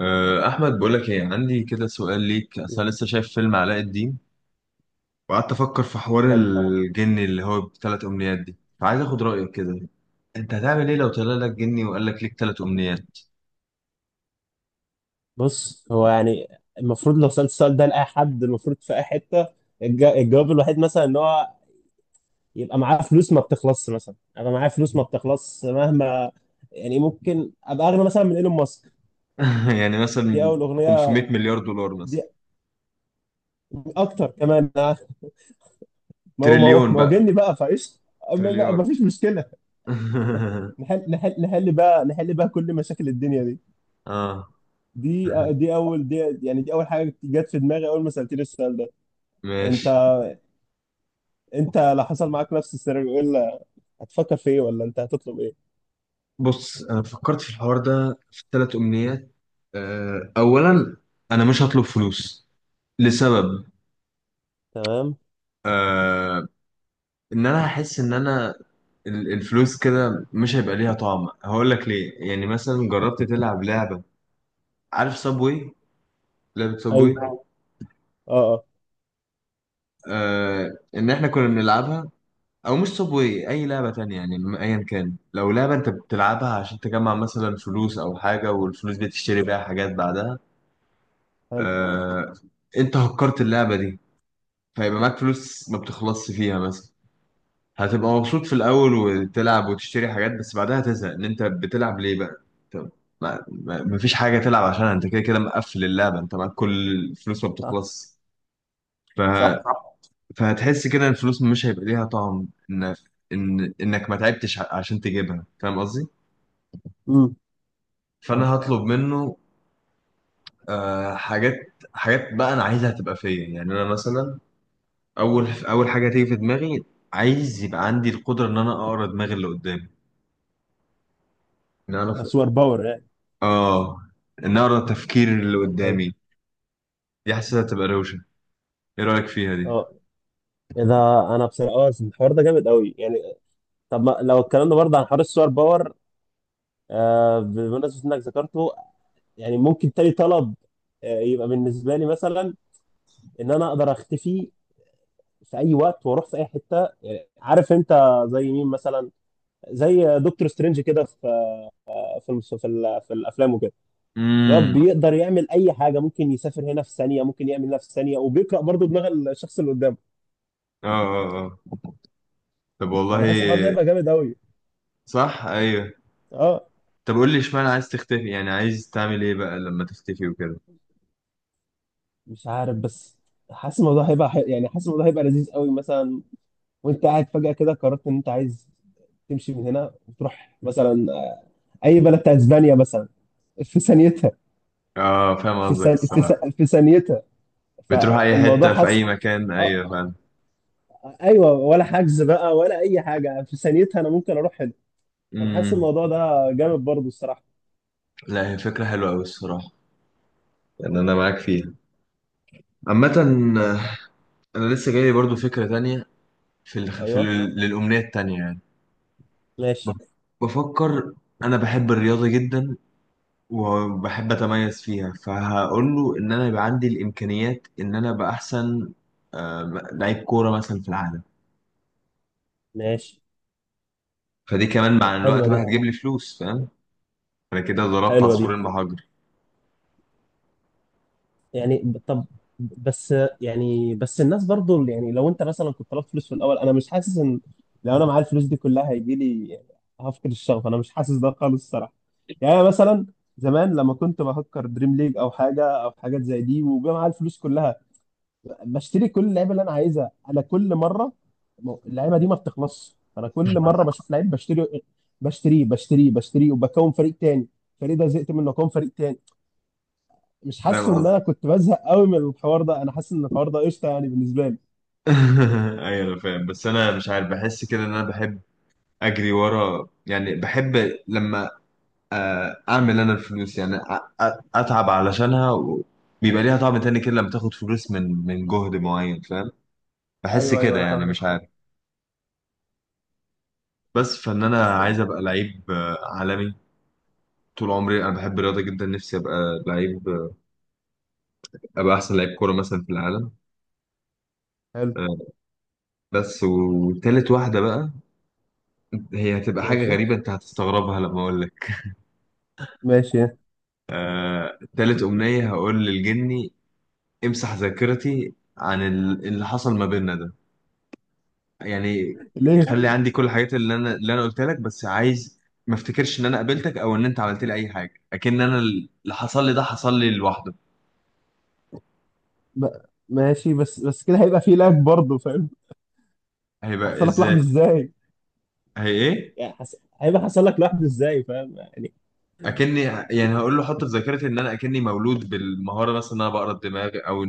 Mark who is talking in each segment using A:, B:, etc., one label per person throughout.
A: أحمد، بقول لك إيه، عندي كده سؤال ليك. أصل
B: مم.
A: أنا لسه شايف فيلم علاء الدين وقعدت أفكر في حوار
B: حلو.
A: الجن اللي هو بثلاث أمنيات دي، فعايز آخد رأيك كده. أنت هتعمل إيه لو طلع لك جني وقال لك ليك ثلاث أمنيات؟
B: بص، هو يعني المفروض لو سألت السؤال ده لأي حد، المفروض في أي حتة الجواب الوحيد مثلا إن هو يبقى معاه فلوس ما بتخلصش، مثلا أبقى معايا فلوس ما بتخلصش مهما. يعني ممكن أبقى أغنى مثلا من إيلون ماسك.
A: يعني
B: دي
A: مثلا
B: أول أغنية،
A: 500 مليار دولار
B: دي
A: مثلا.
B: أكتر كمان ما هو ما هو
A: تريليون
B: ما هو
A: بقى.
B: جني بقى فايش. ما
A: تريليار.
B: فيش مشكلة. نحل نحل نحل بقى، نحل بقى كل مشاكل الدنيا دي.
A: آه.
B: دي دي أول. يعني دي أول حاجة جت في دماغي أول ما سألتني السؤال ده. أنت
A: ماشي.
B: أنت لو حصل معاك نفس السيناريو، إيه هتفكر في ايه، ولا انت هتطلب ايه؟
A: بص، أنا فكرت في الحوار ده في ثلاث أمنيات. أولا، أنا مش هطلب فلوس لسبب.
B: تمام.
A: آه، ان انا هحس ان انا الفلوس كده مش هيبقى ليها طعم. هقول لك ليه. يعني مثلا جربت تلعب لعبة؟ عارف صابوي؟ لعبة صابوي.
B: ايوه،
A: آه.
B: اه اه.
A: ان احنا كنا بنلعبها، او مش صابوي، اي لعبة تانية يعني، ايا كان لو لعبة انت بتلعبها عشان تجمع مثلا فلوس او حاجة، والفلوس دي تشتري بيها حاجات بعدها.
B: حلو.
A: آه انت هكرت اللعبة دي، فيبقى معاك فلوس ما بتخلصش فيها مثلا. هتبقى مبسوط في الاول وتلعب وتشتري حاجات، بس بعدها تزهق ان انت بتلعب ليه بقى. طب، مفيش حاجه تلعب عشانها، انت كده كده مقفل اللعبه، انت معاك كل الفلوس ما
B: صح.
A: بتخلص. ف...
B: صح.
A: فهتحس كده ان الفلوس مش هيبقى ليها طعم، ان ان انك ما تعبتش عشان تجيبها. فاهم قصدي؟
B: امم. طب.
A: فانا هطلب منه حاجات. حاجات بقى انا عايزها تبقى فيا. يعني انا مثلا، اول حاجه تيجي في دماغي، عايز يبقى عندي القدره ان انا اقرا دماغ اللي قدامي. ان انا
B: سوبر باور يعني؟
A: اه ان اقرا تفكير اللي
B: حلو.
A: قدامي. دي حاسسها تبقى روشه. ايه رايك فيها دي؟
B: اه. اذا انا بس الحوار ده جامد قوي يعني. طب ما لو اتكلمنا برضه عن حوار السوبر باور، آه، بمناسبة انك ذكرته، يعني ممكن تاني طلب آه، يبقى بالنسبة لي مثلا ان انا اقدر اختفي في اي وقت واروح في اي حتة، يعني عارف انت؟ زي مين مثلا؟ زي دكتور سترينج كده، في في الافلام وكده. لا،
A: امم.
B: بيقدر يعمل اي حاجه، ممكن يسافر هنا في ثانيه، ممكن يعمل هنا في ثانيه، وبيقرا برضه دماغ الشخص اللي قدامه.
A: اه اه اه. طب والله.
B: فانا حاسس الحوار ده هيبقى جامد قوي.
A: صح، ايوه.
B: اه.
A: طب قول لي، اشمعنى عايز تختفي؟ يعني عايز تعمل ايه بقى لما تختفي وكده؟
B: مش عارف، بس حاسس الموضوع هيبقى يعني حاسس الموضوع هيبقى لذيذ قوي مثلا. وانت قاعد فجاه كده قررت ان انت عايز تمشي من هنا وتروح مثلا اي بلد بتاع اسبانيا مثلا، في ثانيتها.
A: اه فاهم قصدك الصراحه.
B: في ثانيتها
A: بتروح اي
B: فالموضوع
A: حته في اي
B: حصل.
A: مكان،
B: اه،
A: ايوه فاهم.
B: ايوه، ولا حجز بقى ولا اي حاجه، في ثانيتها انا ممكن اروح هنا. انا حاسس
A: امم.
B: الموضوع ده جامد برضه الصراحه.
A: لا، هي فكره حلوه قوي الصراحه، يعني انا معاك فيها. عامه،
B: طب.
A: انا لسه جاي برضو فكره تانية في ال... في ال...
B: ايوه.
A: للامنيه التانية يعني.
B: ماشي،
A: بف- بفكر، انا بحب الرياضه جدا وبحب اتميز فيها، فهقول له ان انا يبقى عندي الامكانيات ان انا ابقى احسن آه، لعيب كوره مثلا في العالم.
B: ماشي.
A: فدي كمان مع الوقت
B: حلوة
A: بقى
B: دي،
A: هتجيب لي فلوس. فاهم؟ انا كده ضربت
B: حلوة دي.
A: عصفورين بحجر.
B: يعني طب، بس يعني بس الناس برضو يعني لو انت مثلا كنت طلبت فلوس في الاول، انا مش حاسس ان لو انا معايا الفلوس دي كلها هيجي لي هفقد الشغف. انا مش حاسس ده خالص الصراحة. يعني أنا مثلا زمان لما كنت بهكر دريم ليج او حاجة او حاجات زي دي وبيبقى معايا الفلوس كلها، بشتري كل اللعيبه اللي انا عايزها. انا كل مره اللعيبه دي ما بتخلصش، انا كل مره بشوف لعيب بشتري، بشتريه بشتريه بشتريه، وبكون فريق تاني. الفريق ده زهقت منه، اكون فريق تاني. مش
A: فاهم
B: حاسس ان
A: قصدي.
B: انا كنت بزهق قوي من الحوار ده، انا حاسس ان الحوار ده قشطه يعني بالنسبه لي.
A: ايوه انا فاهم، بس انا مش عارف، بحس كده ان انا بحب اجري ورا يعني، بحب لما اعمل انا الفلوس يعني، اتعب علشانها بيبقى ليها طعم تاني كده لما تاخد فلوس من جهد معين. فاهم؟ بحس
B: ايوه، ايوه،
A: كده
B: أيوة،
A: يعني،
B: فاهمك،
A: مش
B: فاهمك.
A: عارف. بس فان انا
B: بس.
A: عايز ابقى لعيب عالمي. طول عمري انا بحب الرياضه جدا، نفسي ابقى لعيب ابقى احسن لعيب كوره مثلا في العالم.
B: حلو.
A: آه، بس، وتالت واحده بقى، هي هتبقى حاجه
B: ماشي،
A: غريبه انت هتستغربها لما اقول لك.
B: ماشي.
A: تالت امنيه هقول للجني، امسح ذاكرتي عن اللي حصل ما بيننا ده. يعني،
B: ليه؟
A: خلي عندي كل الحاجات اللي انا قلتها لك، بس عايز ما افتكرش ان انا قابلتك او ان انت عملت لي اي حاجه، اكن انا اللي حصل لي ده حصل لي لوحده.
B: ب... ماشي، بس كده هيبقى فيه لاج برضه، فاهم؟
A: هيبقى
B: هيحصل لك لحظه
A: ازاي؟
B: ازاي؟
A: هي ايه؟
B: يعني هيبقى حصل لك لحظه ازاي، فاهم يعني؟
A: اكني يعني، هقول له حط في ذاكرتي ان انا اكني مولود بالمهاره مثلا، ان انا بقرا الدماغ، او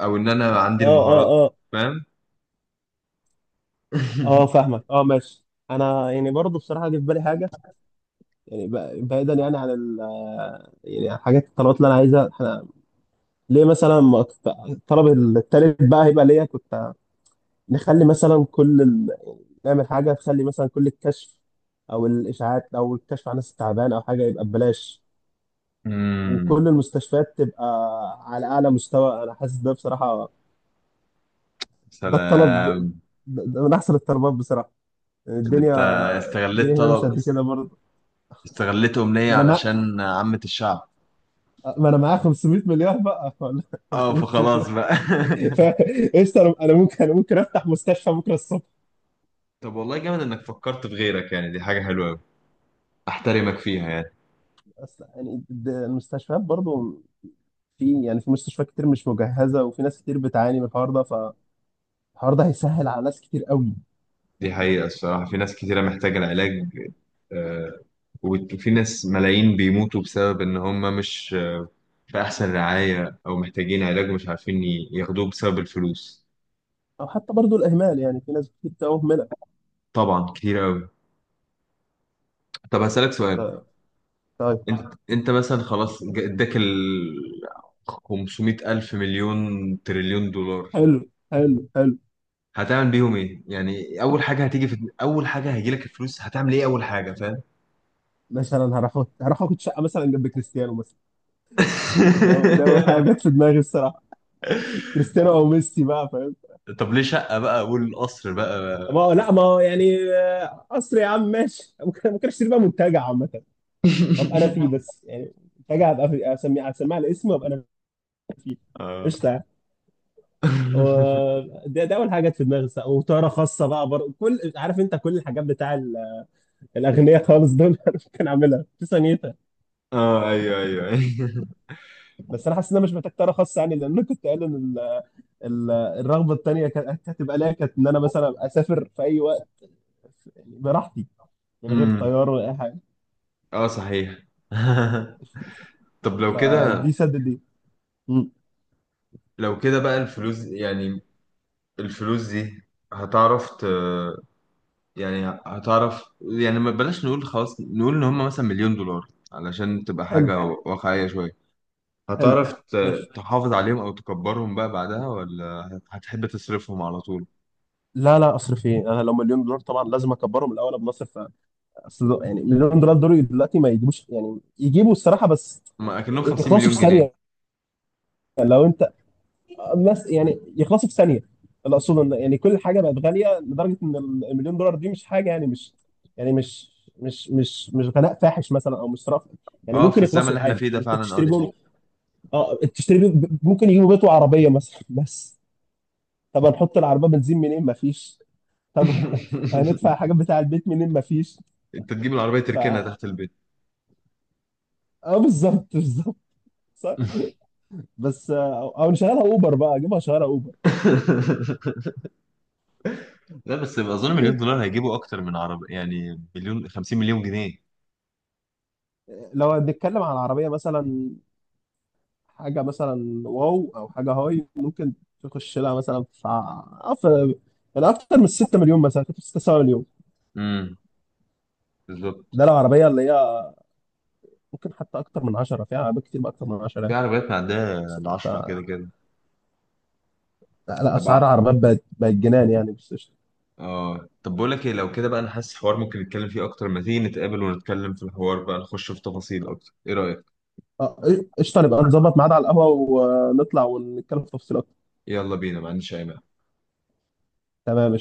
A: او ان انا عندي
B: اه،
A: المهارات.
B: اه،
A: فاهم؟
B: اه، فاهمك، اه، ماشي. انا يعني برضه بصراحه جه في بالي حاجه. يعني بعيدا يعني عن ال، يعني عن حاجات الطلبات اللي انا عايزها، احنا ليه مثلا ما ت- الطلب التالت بقى هيبقى ليا، كنت نخلي مثلا كل ال، نعمل حاجه تخلي مثلا كل الكشف او الاشاعات او الكشف عن الناس التعبان او حاجه يبقى ببلاش،
A: امم.
B: وكل المستشفيات تبقى على اعلى مستوى. انا حاسس ده بصراحه. ده الطلب
A: سلام.
B: ده من احسن الطلبات بصراحه، يعني
A: ده
B: الدنيا،
A: انت
B: الدنيا
A: استغلت
B: هنا
A: طلب،
B: مش قد كده برضه.
A: استغلت امنية
B: ما انا،
A: علشان عامة الشعب.
B: ما انا معايا 500 مليون بقى، ولا
A: اه،
B: 500 مليون
A: فخلاص بقى.
B: فقشطه. انا، أنا ممكن افتح مستشفى بكره الصبح.
A: طب والله، جامد انك فكرت في غيرك يعني. دي حاجه حلوه قوي، احترمك فيها يعني.
B: اصل يعني المستشفيات برضو، في يعني في مستشفيات كتير مش مجهزه، وفي ناس كتير بتعاني من الحوار ده، فالحوار ده هيسهل على ناس كتير قوي.
A: دي حقيقه الصراحه. في ناس كتيره محتاجه العلاج. آه، وفي ناس ملايين بيموتوا بسبب ان هم مش في أحسن رعاية، أو محتاجين علاج مش عارفين ياخدوه بسبب الفلوس.
B: او حتى برضو الاهمال، يعني في ناس كتير بتبقى مهمله.
A: طبعا، كتير أوي. طب هسألك سؤال.
B: ف- طيب.
A: أنت مثلا خلاص إداك ال 500 ألف مليون تريليون دولار،
B: حلو، حلو، حلو.
A: هتعمل بيهم إيه؟ يعني أول حاجة هيجيلك الفلوس هتعمل إيه أول حاجة؟ فاهم؟
B: مثلا هروح هروح اخد شقه مثلا جنب كريستيانو مثلا. ده أول حاجه جت في دماغي الصراحه، كريستيانو او ميسي بقى.
A: طب ليه شقة بقى والقصر
B: ما
A: بقى؟
B: هو لا، ما هو يعني قصر يا عم، ماشي، ممكن، ممكن اشتري بقى منتجع عامة وابقى انا فيه بس، يعني منتجع هبقى اسميه، اسميه على اسمي وابقى انا فيه.
A: اه.
B: قشطة. و- ده اول حاجة جت في دماغي، وطيارة خاصة بقى برضه، كل، عارف انت كل الحاجات بتاع الاغنياء خالص دول انا ممكن اعملها في ثانيتها.
A: اه، ايوه ايوه ايوه.
B: بس انا حاسس ان انا مش محتاج طيارة خاصة، يعني لان انا كنت قايل ان الرغبة التانية كانت هتبقى ليا، كانت ان انا مثلا أبقى اسافر في اي وقت، يعني براحتي، من غير
A: امم.
B: طيارة ولا اي حاجة.
A: اه صحيح. طب لو كده،
B: فدي سدد دي.
A: بقى الفلوس يعني، الفلوس دي هتعرف يعني هتعرف يعني. ما بلاش نقول، خلاص نقول ان هم مثلا مليون دولار، علشان تبقى
B: حلو.
A: حاجة واقعية شوية.
B: حلو.
A: هتعرف
B: ماشي.
A: تحافظ عليهم او تكبرهم بقى بعدها، ولا هتحب تصرفهم على طول؟
B: لا، لا، اصرف ايه، انا لو مليون دولار طبعا لازم اكبرهم الاول قبل ما اصرف. اصل يعني مليون دولار دول دلوقتي ما يجيبوش، يعني يجيبوا الصراحه، بس
A: ما اكنهم 50
B: يخلصوا
A: مليون،
B: في
A: بص،
B: ثانيه.
A: جنيه.
B: لو انت الناس، يعني يخلصوا في ثانيه، اللي اقصده ان يعني كل حاجه بقت غاليه لدرجه ان المليون دولار دي مش حاجه، يعني مش، يعني مش غلاء فاحش مثلا، او مش صرف، يعني
A: اه، في
B: ممكن
A: الزمن اللي
B: يخلصوا
A: احنا
B: عادي،
A: فيه ده
B: ممكن
A: فعلا، اه
B: تشتري
A: دي
B: بهم،
A: حقيقة.
B: اه تشتري بيهم، ممكن يجيبوا بيت وعربيه مثلا، بس طب هنحط العربيه بنزين منين؟ ما فيش. طب هندفع حاجات بتاع البيت منين؟ مفيش.
A: انت تجيب العربية
B: ف
A: تركنها تحت البيت.
B: اه بالظبط، بالظبط. صح. بس او نشغلها اوبر بقى، اجيبها شغاله اوبر.
A: لا، بس اظن مليون دولار هيجيبوا اكتر من عربية، يعني مليون، 50 مليون جنيه
B: لو هنتكلم عن عربيه مثلا، حاجه مثلا واو، او حاجه هاي، ممكن تخش لها مثلا في، يعني اكتر من 6 مليون مثلا، كنت 6 7 مليون.
A: بالظبط.
B: ده لو عربيه اللي هي ممكن حتى اكتر من 10، فيها عربيات كتير بقى اكتر من 10
A: في
B: يعني.
A: عربيات معدية
B: بس
A: العشرة
B: انت،
A: كده كده.
B: لا لا،
A: طب
B: اسعار العربيات بقت جنان يعني، بس قشطه.
A: طب بقول لك ايه، لو كده بقى انا حاسس الحوار ممكن نتكلم فيه اكتر. ما تيجي نتقابل ونتكلم في الحوار بقى، نخش في تفاصيل اكتر. ايه رأيك؟
B: آه، قشطه، نبقى نظبط ميعاد على القهوه ونطلع ونتكلم في تفصيل.
A: يلا بينا، ما عنديش اي مانع.
B: تمام.